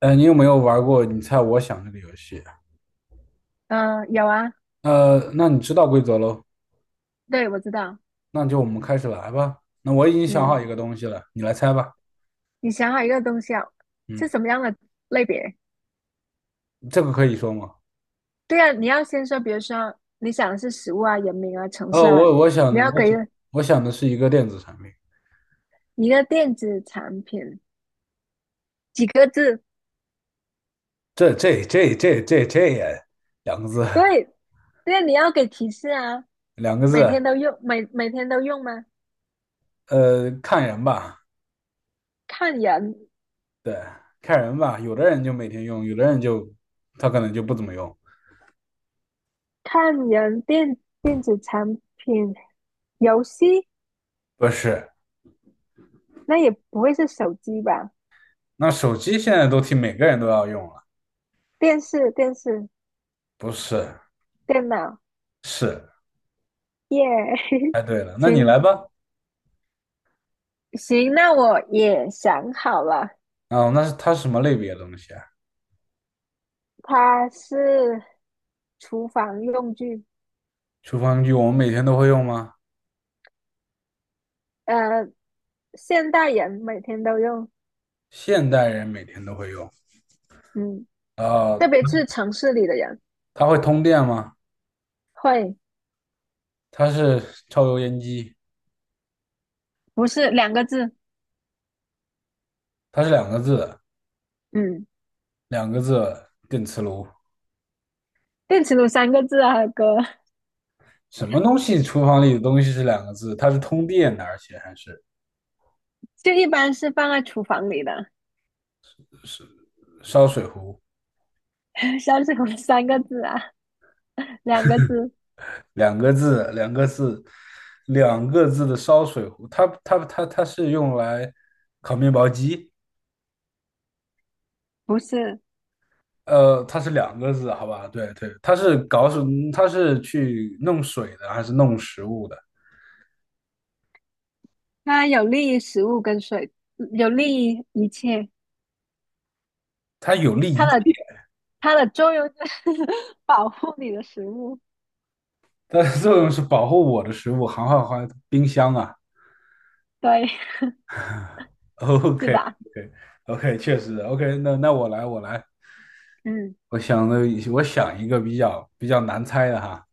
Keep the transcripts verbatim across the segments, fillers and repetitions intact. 呃，你有没有玩过"你猜我想"这个游戏？嗯，有啊，呃，那你知道规则喽？对，我知道。那就我们开始来吧。那我已经想嗯，好一个东西了，你来猜吧。你想好一个东西啊，是嗯，什么样的类别？这个可以说吗？对啊，你要先说，比如说你想的是食物啊、人名啊、城市哦，啊，我我你想要给我想我想的是一个电子产品。一个电子产品几个字？这这这这这这也两个字，对，对啊你要给提示啊。两个每天字。都用，每每天都用吗？呃，看人吧，看人，对，看人吧。有的人就每天用，有的人就他可能就不怎么用。看人，电电子产品、游戏，不是，那也不会是手机吧？那手机现在都替每个人都要用了。电视、电视、不是，电脑，是。耶、哎，对了，那你行，来吧。行，那我也想好了，哦，那是它是什么类别的东西啊？它是厨房用具，厨房具我们每天都会用吗？呃，现代人每天都用，现代人每天都会用。嗯，特呃，别是城市里的人它会通电吗？会，它是抽油烟机，不是两个字，它是两个字嗯，两个字电磁炉。电磁炉三个字啊，哥，什么东西？厨房里的东西是两个字，它是通电的，而且还是就一般是放在厨房里的，是烧水壶，烧水壶三个字啊，两个字，两个字，两个字，两个字的烧水壶。它它它它是用来烤面包机。不是，呃，它是两个字，好吧？对对，它是搞什它是去弄水的，还是弄食物的？它有利于食物跟水，有利于一切，它有利它一的切它的作用就是 保护你的食物，它的作用是保护我的食物，好好好，冰箱啊。对，OK 是吧？OK OK，确实 OK。 那。那我来，我来，嗯。我想的，我想一个比较比较难猜的哈，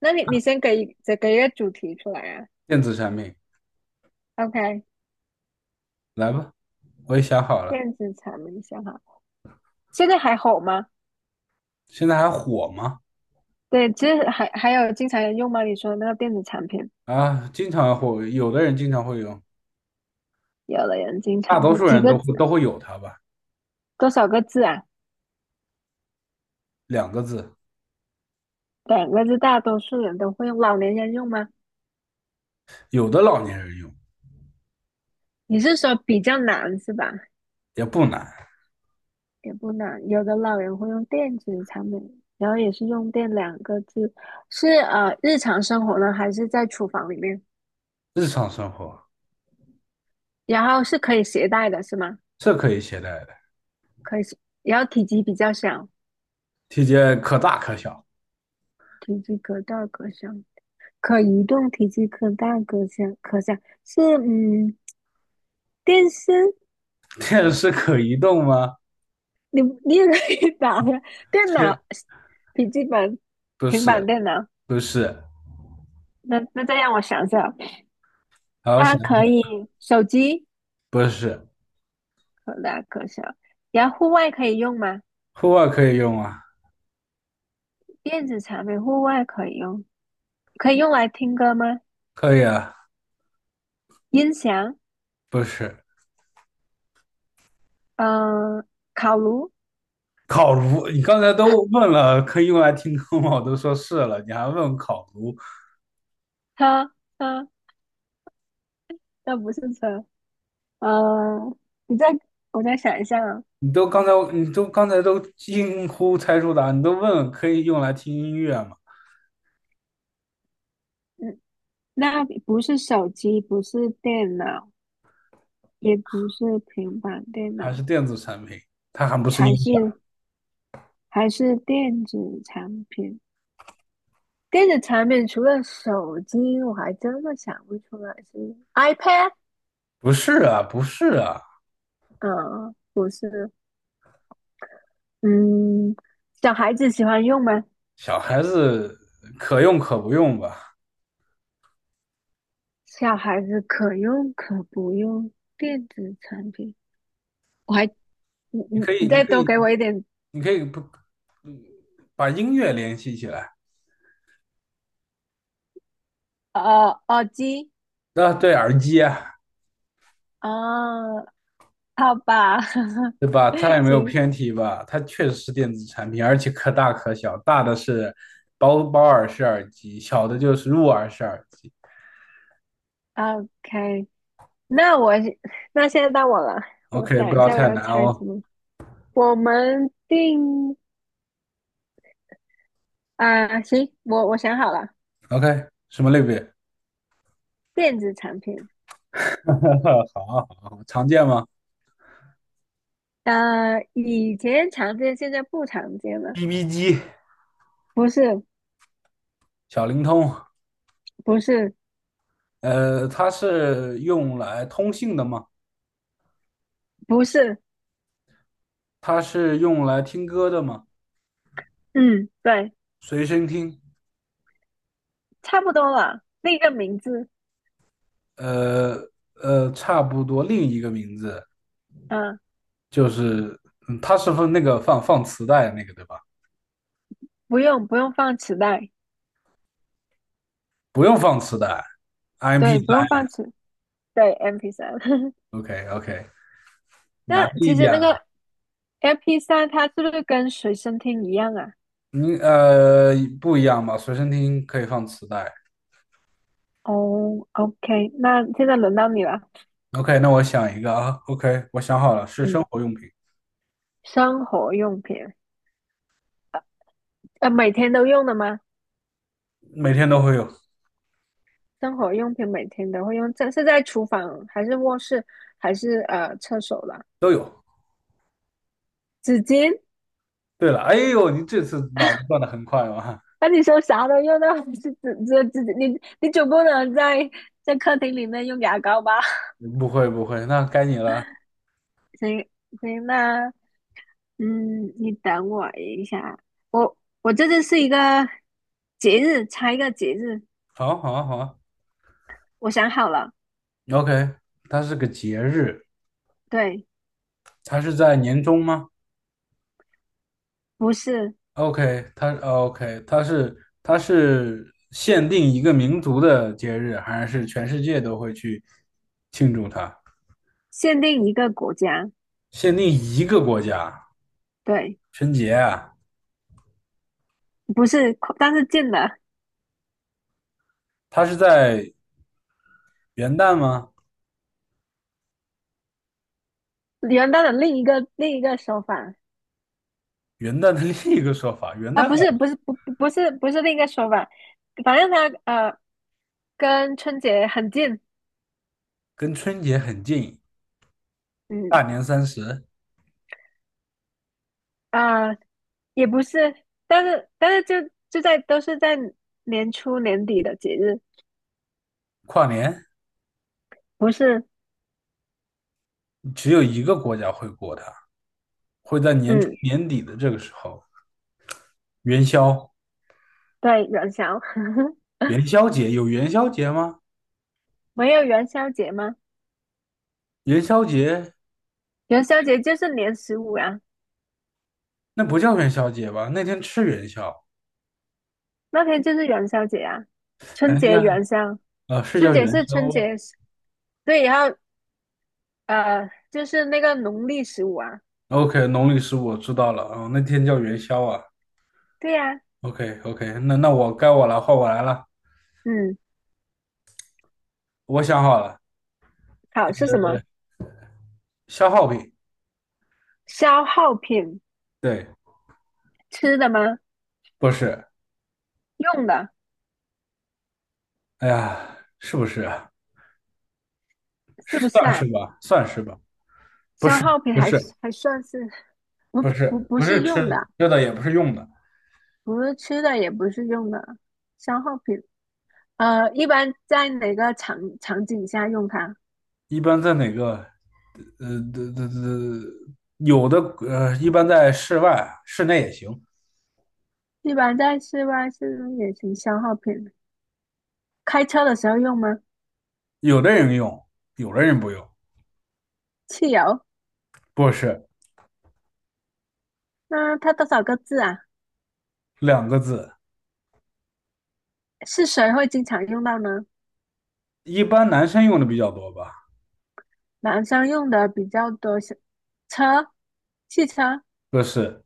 那你你先给再给一个主题出来啊电子产品，？OK，来吧，我也想好了。电子产品想好，现在还好吗？现在还火吗？对，其实还还有经常人用吗？你说的那个电子产品，啊，经常火，有的人经常会用，有的人经大常多会数几人个都嗯字会都会有它吧。多少个字啊？两个字，两个字，大多数人都会用。老年人用吗？有的老年人用。你是说比较难是吧？也不难，也不难，有的老人会用电子产品，然后也是用电两个字，是呃日常生活呢，还是在厨房里面？日常生活然后是可以携带的是吗？是可以携带的，可以，然后体积比较小。体积可大可小。体积可大可小，可移动，体积可大可小，可小是嗯，电视，电视可移动吗？你你也可以打呀，电这脑、笔记本、不平板是，电脑。不是。那那再让我想想，好好想它想，可以手机不是。可大可小，然后户外可以用吗？户外可以用啊，电子产品户外可以用，可以用来听歌吗？可以啊，音响，不是。嗯，烤炉，烤炉，你刚才都问了可以用来听歌吗？我都说是了，你还问烤炉？车车，那不是车，嗯，你再我再想一下啊。你都刚才你都刚才都惊呼猜出答案，你都问可以用来听音乐吗？嗯那不是手机，不是电脑，也不是平板电还是脑，电子产品？它还不是还音响？是还是电子产品。电子产品除了手机，我还真的想不出来是 iPad。不是啊，不是啊。嗯，不是，嗯，小孩子喜欢用吗？小孩子可用可不用吧？小孩子可用可不用电子产品。我还，你你你可以，你你再可多以，给我一点，你可以不把音乐联系起来。呃，耳机啊，对，耳机啊，啊，好吧，对吧？它也 没有行。偏题吧？它确实是电子产品，而且可大可小，大的是包包耳式耳机，小的就是入耳式耳机。OK，那我 那现在到我了，我 OK，不想一要下我太要难猜哦。什么。我们定啊、行，我我想好了，OK，什么类别？电子产品，好啊，好啊，常见吗呃，以前常见，现在不常见了，？B B 机、不是，小灵通，不是，呃，它是用来通信的吗？不是，它是用来听歌的吗？嗯，对，随身听。差不多了，那个名字，呃呃，差不多另一个名字嗯、就是，嗯，它是放那个放放磁带那个对吧？不用不用放磁带，不用放磁带，MP 对，三不用放磁，对 m p 三。，OK OK，难那一其实点那了，个 m p 三，它是不是跟随身听一样啊？你呃不一样吧？随身听可以放磁带哦，OK，那现在轮到你了。，OK，那我想一个啊，OK，我想好了，是生嗯，活用品，生活用品，呃，每天都用的吗？每天都会有，生活用品每天都会用，这是在厨房还是卧室还是呃厕所了？都有。纸巾？对了，哎呦，你这次脑子转的很快嘛？那你说啥都用到，是纸纸纸巾？你你总不能在在客厅里面用牙膏吧？不会不会，那该你了。行行，那嗯，你等我一下，我我这次是一个节日，猜一个节日，好啊好啊好啊我想好了，，OK，它是个节日，对，它是在年中吗？不是。OK，它哦 OK，它是它是限定一个民族的节日，还是全世界都会去庆祝它？限定一个国家，限定一个国家，对，春节啊，不是，但是近的，它是在元旦吗？元旦的另一个另一个说法元旦的 另一个说法，元啊，旦不是不是不不不是不是另一个说法，反正它呃跟春节很近，跟春节很近，嗯大年三十、啊、呃也不是，但是但是就就在都是在年初年底的节日，跨年，不是，只有一个国家会过它，会在年中嗯，年底的这个时候，元宵，对，元宵，元宵节有元宵节吗？没有元宵节吗？元宵节元宵节就是年十五呀、那不叫元宵节吧？那天吃元宵。那天就是元宵节啊，哎春节呀，元宵，啊，是春叫节元是宵春啊节。对，然后呃，就是那个农历十五啊，？OK，农历十五我知道了啊，那天叫元宵啊。对呀、OK OK，那那我该我了，换我来了。嗯，我想好了，好是什么？消耗品，消耗品，对，吃的吗？不是，用的哎呀，是不是啊？是不是算是啊？吧，算是吧，不消是，耗品不还是，是还算是不不不是，不不是是吃用的，吃的，也不是用的，不是吃的，也不是用的，消耗品。呃，一般在哪个场场景下用它？一般在哪个？呃，这这这有的呃，一般在室外啊、室内也行，一般在室外、室内也行。消耗品，开车的时候用吗？有的人用，有的人不用，汽油？不是那它多少个字啊？两个字。是谁会经常用到呢？一般男生用的比较多吧，男生用的比较多是车，汽车。不是。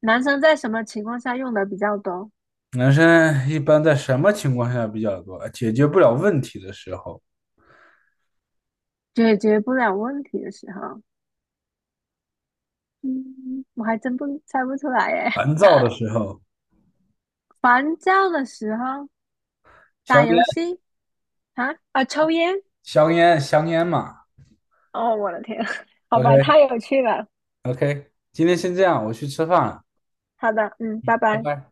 男生在什么情况下用的比较多？男生一般在什么情况下比较多？解决不了问题的时候，解决不了问题的时候，嗯，我还真不猜不出来耶。烦躁的时候，烦躁的时候，打香烟，游戏啊啊，抽烟。香烟，香烟嘛。哦，我的天，好吧，太有趣了。OK，OK，今天先这样，我去吃饭了，好的，嗯，拜拜拜。拜。